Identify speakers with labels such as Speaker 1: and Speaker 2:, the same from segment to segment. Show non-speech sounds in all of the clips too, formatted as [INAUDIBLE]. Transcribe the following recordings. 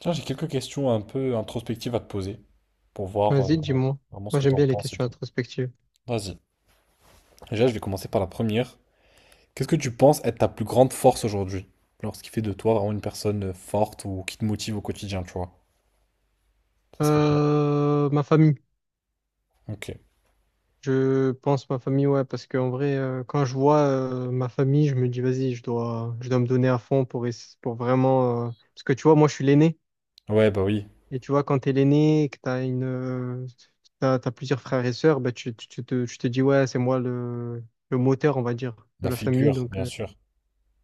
Speaker 1: Tiens, j'ai quelques questions un peu introspectives à te poser pour voir
Speaker 2: Vas-y, dis-moi.
Speaker 1: vraiment ce
Speaker 2: Moi,
Speaker 1: que tu
Speaker 2: j'aime
Speaker 1: en
Speaker 2: bien les
Speaker 1: penses et
Speaker 2: questions
Speaker 1: tout.
Speaker 2: introspectives.
Speaker 1: Vas-y. Déjà, je vais commencer par la première. Qu'est-ce que tu penses être ta plus grande force aujourd'hui? Genre, ce qui fait de toi vraiment une personne forte ou qui te motive au quotidien, tu vois. Ça serait quoi?
Speaker 2: Ma famille.
Speaker 1: Ok.
Speaker 2: Je pense ma famille, ouais, parce qu'en vrai, quand je vois ma famille, je me dis, vas-y, je dois me donner à fond pour, pour vraiment. Parce que tu vois, moi, je suis l'aîné.
Speaker 1: Ouais, bah oui.
Speaker 2: Et tu vois, quand t'es l'aîné, que t'as plusieurs frères et sœurs, bah, tu te dis, ouais, le moteur, on va dire, de
Speaker 1: La
Speaker 2: la famille.
Speaker 1: figure,
Speaker 2: Donc,
Speaker 1: bien sûr.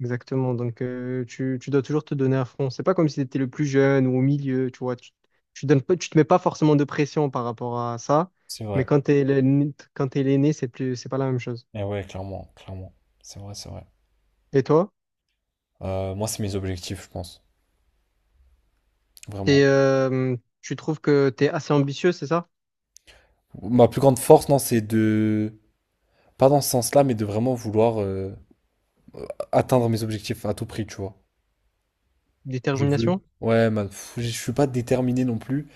Speaker 2: exactement. Donc, tu dois toujours te donner à fond. C'est pas comme si tu étais le plus jeune ou au milieu, tu vois. Tu donnes pas, tu te mets pas forcément de pression par rapport à ça.
Speaker 1: C'est
Speaker 2: Mais
Speaker 1: vrai.
Speaker 2: quand tu es l'aîné, quand t'es l'aîné, c'est plus, c'est pas la même chose.
Speaker 1: Et ouais, clairement, clairement. C'est vrai, c'est vrai.
Speaker 2: Et toi,
Speaker 1: Moi, c'est mes objectifs, je pense. Vraiment.
Speaker 2: tu trouves que tu es assez ambitieux, c'est ça?
Speaker 1: Ma plus grande force, non, c'est de... Pas dans ce sens-là, mais de vraiment vouloir atteindre mes objectifs à tout prix, tu vois. Je
Speaker 2: Détermination?
Speaker 1: veux. Ouais, je suis pas déterminé non plus.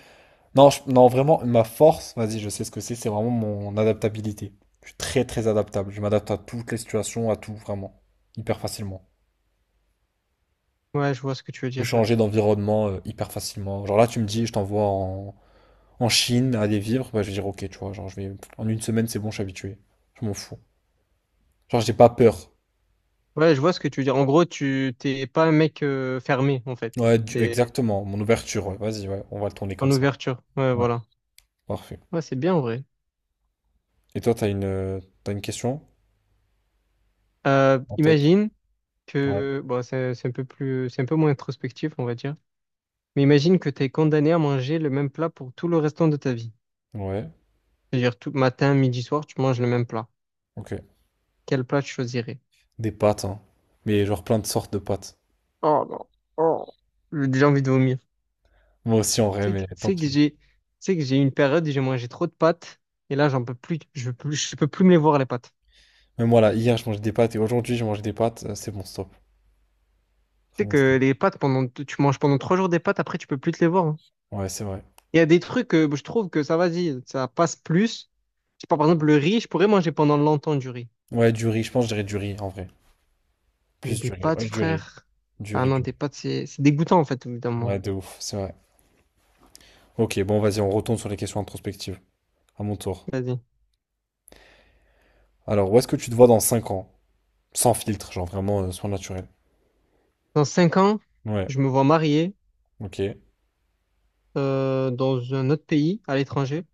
Speaker 1: Non, non, vraiment, ma force, vas-y, je sais ce que c'est vraiment mon adaptabilité. Je suis très très adaptable. Je m'adapte à toutes les situations, à tout, vraiment. Hyper facilement.
Speaker 2: Ouais, je vois ce que tu veux
Speaker 1: Je peux
Speaker 2: dire.
Speaker 1: changer d'environnement hyper facilement. Genre là, tu me dis, je t'envoie en Chine à aller vivre, bah, je vais dire ok, tu vois, genre je vais. En une semaine, c'est bon, je suis habitué. Je m'en fous. Genre, j'ai pas peur.
Speaker 2: Ouais, je vois ce que tu veux dire. En gros, tu t'es pas un mec fermé, en fait.
Speaker 1: Ouais,
Speaker 2: T'es
Speaker 1: exactement. Mon ouverture, ouais, vas-y, ouais, on va le tourner comme
Speaker 2: en
Speaker 1: ça.
Speaker 2: ouverture. Ouais,
Speaker 1: Ouais,
Speaker 2: voilà.
Speaker 1: parfait.
Speaker 2: Ouais, c'est bien en vrai.
Speaker 1: Et toi, t'as une question en tête?
Speaker 2: Imagine
Speaker 1: Ouais.
Speaker 2: que bon, c'est un peu plus, c'est un peu moins introspectif, on va dire. Mais imagine que tu es condamné à manger le même plat pour tout le restant de ta vie.
Speaker 1: Ouais.
Speaker 2: C'est-à-dire tout matin, midi, soir, tu manges le même plat.
Speaker 1: Ok.
Speaker 2: Quel plat tu choisirais?
Speaker 1: Des pâtes, hein. Mais genre plein de sortes de pâtes.
Speaker 2: Oh non, oh, j'ai déjà envie de vomir.
Speaker 1: Moi aussi en vrai,
Speaker 2: C'est que,
Speaker 1: mais tant
Speaker 2: c'est
Speaker 1: pis.
Speaker 2: que j'ai, c'est que j'ai eu une période où j'ai mangé trop de pâtes et là j'en peux plus, je peux plus me les voir les pâtes.
Speaker 1: Même moi là, hier je mangeais des pâtes et aujourd'hui je mange des pâtes, c'est bon stop.
Speaker 2: Tu
Speaker 1: Très
Speaker 2: sais
Speaker 1: bon stop.
Speaker 2: que tu manges pendant trois jours des pâtes, après tu peux plus te les voir, hein.
Speaker 1: Ouais, c'est vrai.
Speaker 2: Il y a des trucs que je trouve que ça vas-y, ça passe plus. Je sais pas, par exemple le riz, je pourrais manger pendant longtemps du riz,
Speaker 1: Ouais, du riz, je pense que je dirais du riz en vrai.
Speaker 2: mais
Speaker 1: Plus
Speaker 2: des
Speaker 1: du riz,
Speaker 2: pâtes,
Speaker 1: ouais, du riz.
Speaker 2: frère.
Speaker 1: Du
Speaker 2: Ah
Speaker 1: riz,
Speaker 2: non,
Speaker 1: du riz.
Speaker 2: des pâtes, c'est dégoûtant en fait, évidemment.
Speaker 1: Ouais, de ouf, c'est vrai. Ok, bon vas-y, on retourne sur les questions introspectives. À mon tour.
Speaker 2: Vas-y.
Speaker 1: Alors, où est-ce que tu te vois dans 5 ans? Sans filtre, genre vraiment soin naturel.
Speaker 2: Dans cinq ans,
Speaker 1: Ouais,
Speaker 2: je me vois marié
Speaker 1: ok.
Speaker 2: dans un autre pays, à l'étranger,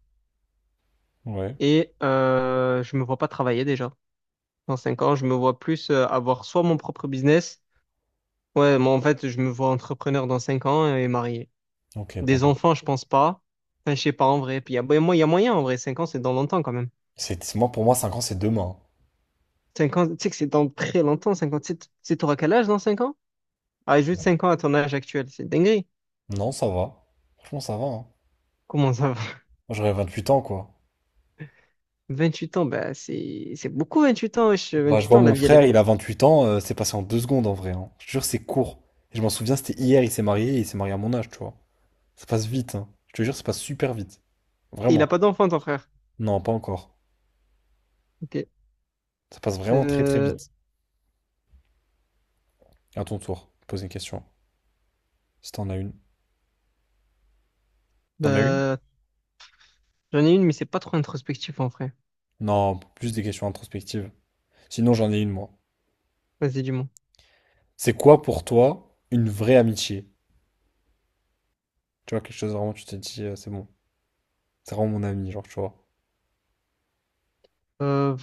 Speaker 1: Ouais,
Speaker 2: et je me vois pas travailler déjà. Dans cinq ans, je me vois plus avoir soit mon propre business, ouais, moi en fait, je me vois entrepreneur dans cinq ans et marié.
Speaker 1: ok,
Speaker 2: Des
Speaker 1: pardon.
Speaker 2: enfants, je pense pas. Enfin, je sais pas en vrai. Puis il y a, ben, moi, il y a moyen en vrai. Cinq ans, c'est dans longtemps quand même.
Speaker 1: C'est, moi, pour moi, 5 ans c'est demain.
Speaker 2: Cinq ans, tu sais que c'est dans très longtemps. Cinq ans, t'auras quel âge dans cinq ans? Ah, juste cinq ans à ton âge actuel, c'est dinguerie.
Speaker 1: Hein. Non, ça va. Franchement, ça va, hein.
Speaker 2: Comment ça va?
Speaker 1: Moi, j'aurais 28 ans, quoi.
Speaker 2: [LAUGHS] Huit ans, bah, c'est beaucoup. 28 ans, wesh.
Speaker 1: Bah, je
Speaker 2: Huit
Speaker 1: vois
Speaker 2: ans, la
Speaker 1: mon
Speaker 2: vie, elle
Speaker 1: frère,
Speaker 2: est.
Speaker 1: il a 28 ans, c'est passé en 2 secondes en vrai. Hein. Je te jure, c'est court. Et je m'en souviens, c'était hier, il s'est marié et il s'est marié à mon âge, tu vois. Ça passe vite, hein. Je te jure, ça passe super vite.
Speaker 2: Et il
Speaker 1: Vraiment.
Speaker 2: a pas d'enfant, ton frère.
Speaker 1: Non, pas encore.
Speaker 2: Ok.
Speaker 1: Ça passe vraiment très très
Speaker 2: Euh,
Speaker 1: vite. À ton tour, pose une question. Si t'en as une. T'en as une?
Speaker 2: bah, J'en ai une, mais c'est pas trop introspectif en vrai.
Speaker 1: Non, plus des questions introspectives. Sinon, j'en ai une, moi.
Speaker 2: Vas-y, dis-moi.
Speaker 1: C'est quoi pour toi une vraie amitié? Tu vois, quelque chose vraiment, tu te dis, c'est bon. C'est vraiment mon ami, genre, tu vois.
Speaker 2: Euh,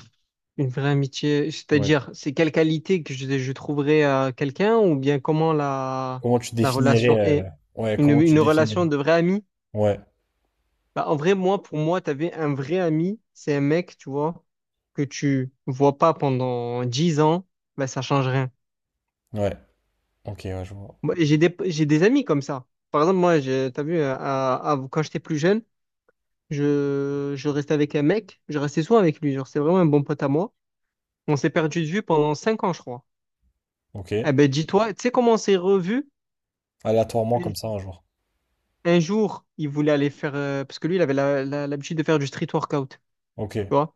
Speaker 2: une vraie amitié,
Speaker 1: Ouais.
Speaker 2: c'est-à-dire, c'est quelle qualité que je trouverais à quelqu'un ou bien
Speaker 1: Comment tu
Speaker 2: la
Speaker 1: définirais,
Speaker 2: relation est?
Speaker 1: ouais, comment tu
Speaker 2: Une relation
Speaker 1: définirais?
Speaker 2: de vrai ami?
Speaker 1: Ouais,
Speaker 2: Bah, en vrai, moi, pour moi, t'avais un vrai ami, c'est un mec, tu vois, que tu vois pas pendant 10 ans, bah, ça change rien.
Speaker 1: ouais. Ok, ouais, je vois.
Speaker 2: Moi, j'ai des, j'ai des amis comme ça. Par exemple, moi, t'as vu, quand j'étais plus jeune, je restais avec un mec, je restais souvent avec lui, genre c'est vraiment un bon pote à moi. On s'est perdu de vue pendant cinq ans, je crois.
Speaker 1: Ok.
Speaker 2: Eh ben dis-toi, tu sais comment on s'est revus?
Speaker 1: Aléatoirement comme ça un jour.
Speaker 2: Un jour, il voulait aller faire, parce que lui, il avait l'habitude de faire du street workout, tu
Speaker 1: Ok.
Speaker 2: vois.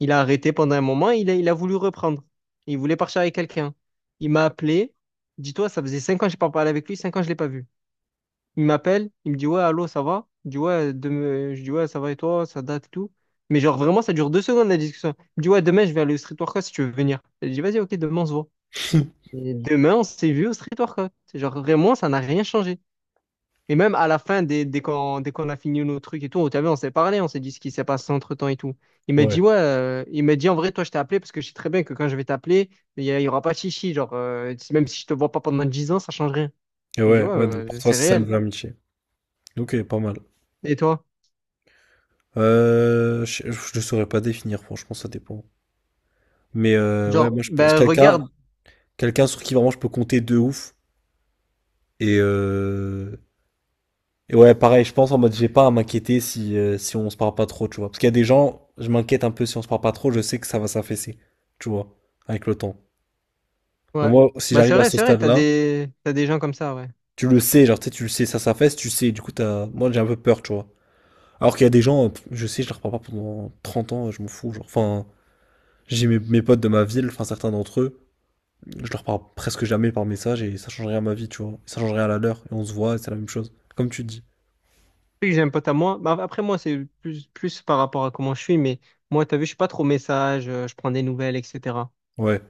Speaker 2: Il a arrêté pendant un moment, il a voulu reprendre. Il voulait partir avec quelqu'un. Il m'a appelé, dis-toi, ça faisait cinq ans que j'ai pas parlé avec lui, cinq ans que je ne l'ai pas vu. Il m'appelle, il me dit ouais, allô, ça va? Je dis ouais, je dis ouais, ça va et toi, ça date et tout. Mais genre vraiment, ça dure deux secondes la discussion. Il me dit ouais, demain, je vais aller au Street Workout si tu veux venir. Je dis vas-y, ok, demain, on se voit.
Speaker 1: [LAUGHS]
Speaker 2: Et demain, on s'est vu au Street Workout. C'est genre vraiment, ça n'a rien changé. Et même à la fin, dès qu'on a fini nos trucs et tout, t'as vu, on s'est parlé, on s'est dit ce qui s'est passé entre-temps et tout. Il m'a
Speaker 1: Ouais.
Speaker 2: dit ouais, il m'a dit en vrai, toi, je t'ai appelé parce que je sais très bien que quand je vais t'appeler, il y aura pas de chichi. Genre, même si je te vois pas pendant 10 ans, ça change rien.
Speaker 1: Et
Speaker 2: Je dis
Speaker 1: ouais,
Speaker 2: ouais,
Speaker 1: ouais, donc pour toi,
Speaker 2: c'est
Speaker 1: c'est ça une
Speaker 2: réel.
Speaker 1: vraie amitié. Ok, pas mal.
Speaker 2: Et toi?
Speaker 1: Je ne saurais pas définir, franchement, ça dépend. Mais ouais,
Speaker 2: Genre,
Speaker 1: moi, je pense
Speaker 2: ben
Speaker 1: quelqu'un
Speaker 2: regarde,
Speaker 1: sur qui vraiment je peux compter de ouf. Et, euh, et ouais, pareil, je pense en mode, j'ai pas à m'inquiéter si, si on se parle pas trop, tu vois. Parce qu'il y a des gens, je m'inquiète un peu si on se parle pas trop, je sais que ça va s'affaisser, tu vois, avec le temps. Mais
Speaker 2: ouais.
Speaker 1: moi, si
Speaker 2: Bah
Speaker 1: j'arrive à ce
Speaker 2: c'est vrai,
Speaker 1: stade-là,
Speaker 2: t'as des gens comme ça, ouais.
Speaker 1: tu le sais, genre, tu sais, tu le sais, ça s'affaisse, tu sais, du coup, moi, j'ai un peu peur, tu vois. Alors qu'il y a des gens, je sais, je les reprends pas pendant 30 ans, je m'en fous. Genre. Enfin, j'ai mes potes de ma ville, enfin certains d'entre eux, je leur parle presque jamais par message et ça change rien à ma vie, tu vois. Ça change rien à la leur et on se voit et c'est la même chose. Comme tu dis.
Speaker 2: Puis que j'ai un pote à moi. Bah, après moi, plus par rapport à comment je suis, mais moi, t'as vu, je suis pas trop message, je prends des nouvelles, etc.
Speaker 1: Ouais.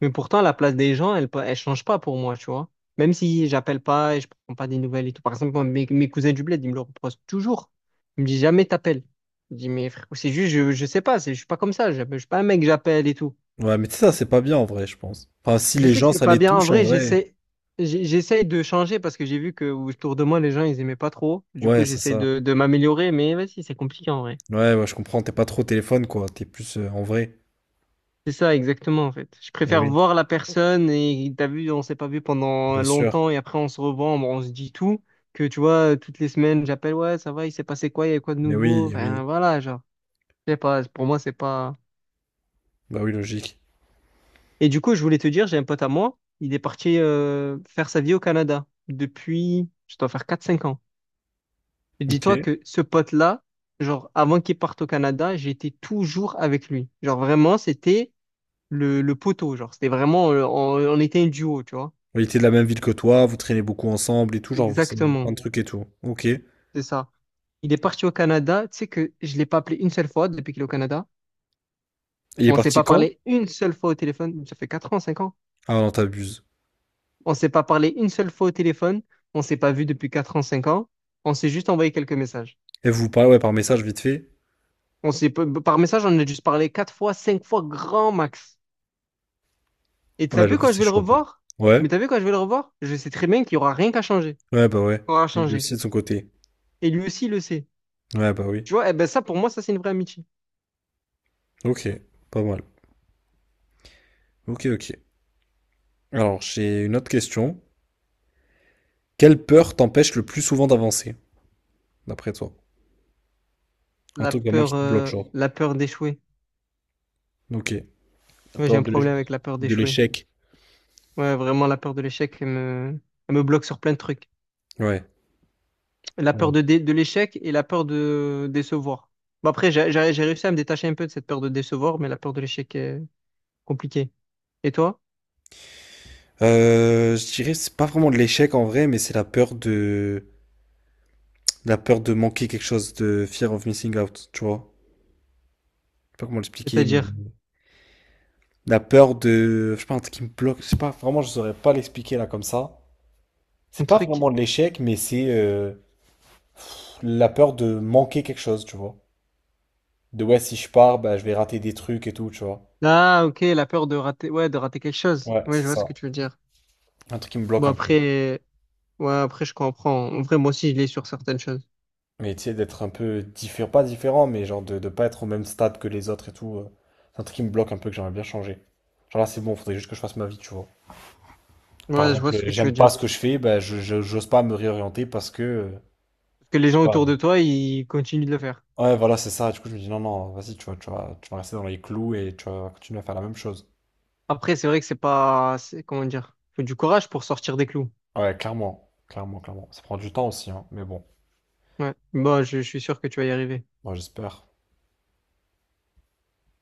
Speaker 2: Mais pourtant, la place des gens, elle change pas pour moi, tu vois. Même si j'appelle pas et je prends pas des nouvelles et tout. Par exemple, moi, mes cousins du bled, ils me le reprochent toujours. Ils me disent jamais t'appelles. Je dis, mais frère, c'est juste, je sais pas, c'est, je suis pas comme ça, je suis pas un mec, j'appelle et tout.
Speaker 1: Ouais, mais tu sais, ça, c'est pas bien en vrai, je pense. Enfin, si
Speaker 2: Je
Speaker 1: les
Speaker 2: sais que
Speaker 1: gens,
Speaker 2: c'est
Speaker 1: ça
Speaker 2: pas
Speaker 1: les
Speaker 2: bien. En
Speaker 1: touche en
Speaker 2: vrai,
Speaker 1: vrai.
Speaker 2: j'essaye de changer parce que j'ai vu que autour de moi, les gens, ils aimaient pas trop. Du coup,
Speaker 1: Ouais, c'est
Speaker 2: j'essaie
Speaker 1: ça.
Speaker 2: de m'améliorer, mais vas-y, c'est compliqué en vrai.
Speaker 1: Ouais, ouais, je comprends, t'es pas trop au téléphone, quoi. T'es plus en vrai.
Speaker 2: C'est ça, exactement, en fait. Je
Speaker 1: Eh
Speaker 2: préfère
Speaker 1: oui,
Speaker 2: voir la personne et t'as vu, on s'est pas vu pendant
Speaker 1: bien sûr.
Speaker 2: longtemps et après, on se revoit, on se dit tout. Que tu vois, toutes les semaines, j'appelle, ouais, ça va, il s'est passé quoi, il y a quoi de
Speaker 1: Eh
Speaker 2: nouveau?
Speaker 1: oui, eh
Speaker 2: Enfin,
Speaker 1: oui.
Speaker 2: voilà, genre, je sais pas, pour moi, c'est pas.
Speaker 1: Bah oui, logique.
Speaker 2: Et du coup, je voulais te dire, j'ai un pote à moi, il est parti faire sa vie au Canada depuis, je dois faire quatre cinq ans.
Speaker 1: Ok.
Speaker 2: Dis-toi que ce pote-là, genre, avant qu'il parte au Canada, j'étais toujours avec lui. Genre, vraiment, le poteau. Genre, c'était vraiment, on était un duo, tu vois.
Speaker 1: Bah, il était de la même ville que toi, vous traînez beaucoup ensemble et tout, genre, vous savez plein
Speaker 2: Exactement,
Speaker 1: de trucs et tout. Ok. Et
Speaker 2: c'est ça. Il est parti au Canada. Tu sais que je l'ai pas appelé une seule fois depuis qu'il est au Canada.
Speaker 1: il est
Speaker 2: On s'est
Speaker 1: parti
Speaker 2: pas
Speaker 1: quand?
Speaker 2: parlé une seule fois au téléphone. Ça fait 4 ans, 5 ans.
Speaker 1: Ah non, t'abuses.
Speaker 2: On s'est pas parlé une seule fois au téléphone. On s'est pas vu depuis 4 ans, 5 ans. On s'est juste envoyé quelques messages.
Speaker 1: Et vous vous parlez, ouais, par message vite fait?
Speaker 2: On s'est, par message, on a dû se parler 4 fois, 5 fois, grand max. Et t'as
Speaker 1: Ouais,
Speaker 2: vu
Speaker 1: j'avoue,
Speaker 2: quand je
Speaker 1: c'est
Speaker 2: vais le
Speaker 1: chaud.
Speaker 2: revoir?
Speaker 1: Ouais?
Speaker 2: Mais t'as vu quand je vais le revoir? Je sais très bien qu'il y aura rien qu'à changer.
Speaker 1: Ouais, bah ouais.
Speaker 2: Qu'on aura
Speaker 1: Et lui
Speaker 2: changé.
Speaker 1: aussi de son côté.
Speaker 2: Et lui aussi, il le sait.
Speaker 1: Ouais, bah oui.
Speaker 2: Tu vois, eh ben ça, pour moi, ça, c'est une vraie amitié.
Speaker 1: OK, pas mal. OK, OK. Alors, j'ai une autre question. Quelle peur t'empêche le plus souvent d'avancer, d'après toi? Un truc vraiment qui te bloque, genre.
Speaker 2: La peur d'échouer.
Speaker 1: OK. La
Speaker 2: Ouais, j'ai
Speaker 1: peur
Speaker 2: un
Speaker 1: de
Speaker 2: problème avec
Speaker 1: l'éch-
Speaker 2: la peur
Speaker 1: de
Speaker 2: d'échouer.
Speaker 1: l'échec.
Speaker 2: Ouais, vraiment, la peur de l'échec, elle me bloque sur plein de trucs.
Speaker 1: Ouais,
Speaker 2: La
Speaker 1: pas
Speaker 2: peur
Speaker 1: mal.
Speaker 2: de l'échec et la peur de décevoir. Bon, après, j'ai réussi à me détacher un peu de cette peur de décevoir, mais la peur de l'échec est compliquée. Et toi?
Speaker 1: Je dirais, c'est pas vraiment de l'échec en vrai, mais c'est la peur de manquer quelque chose, de fear of missing out, tu vois? Je sais pas comment l'expliquer, mais...
Speaker 2: C'est-à-dire,
Speaker 1: La peur de. Je sais pas, un truc qui me bloque. Je sais pas, vraiment, je saurais pas l'expliquer là comme ça.
Speaker 2: un
Speaker 1: C'est pas
Speaker 2: truc.
Speaker 1: vraiment de l'échec, mais c'est la peur de manquer quelque chose, tu vois. De ouais, si je pars, bah, je vais rater des trucs et tout, tu vois.
Speaker 2: Ah, ok, la peur de rater, ouais, de rater quelque chose.
Speaker 1: Ouais,
Speaker 2: Ouais,
Speaker 1: c'est
Speaker 2: je vois ce que
Speaker 1: ça.
Speaker 2: tu veux dire.
Speaker 1: Un truc qui me bloque
Speaker 2: Bon,
Speaker 1: un peu.
Speaker 2: après, ouais, après, je comprends. En vrai, moi aussi, je l'ai sur certaines choses.
Speaker 1: Mais tu sais, d'être un peu différent, pas différent, mais genre de pas être au même stade que les autres et tout. C'est un truc qui me bloque un peu que j'aimerais bien changer. Genre là, c'est bon, faudrait juste que je fasse ma vie, tu vois. Par
Speaker 2: Ouais, je vois
Speaker 1: exemple,
Speaker 2: ce que tu veux
Speaker 1: j'aime pas
Speaker 2: dire.
Speaker 1: ce que je fais, bah, j'ose pas me réorienter parce que,
Speaker 2: Parce que les
Speaker 1: je sais
Speaker 2: gens
Speaker 1: pas,
Speaker 2: autour de toi, ils continuent de le faire.
Speaker 1: Ouais, voilà, c'est ça. Du coup, je me dis, non, non, vas-y, tu vas rester dans les clous et tu vas continuer à faire la même chose.
Speaker 2: Après, c'est vrai que c'est pas, c'est, comment dire, faut du courage pour sortir des clous.
Speaker 1: Ouais, clairement, clairement, clairement. Ça prend du temps aussi, hein, mais bon,
Speaker 2: Ouais. Bon, je suis sûr que tu vas y arriver.
Speaker 1: moi, j'espère.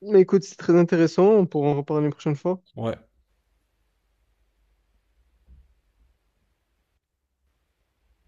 Speaker 2: Mais écoute, c'est très intéressant. On pourra en reparler une prochaine fois.
Speaker 1: Ouais.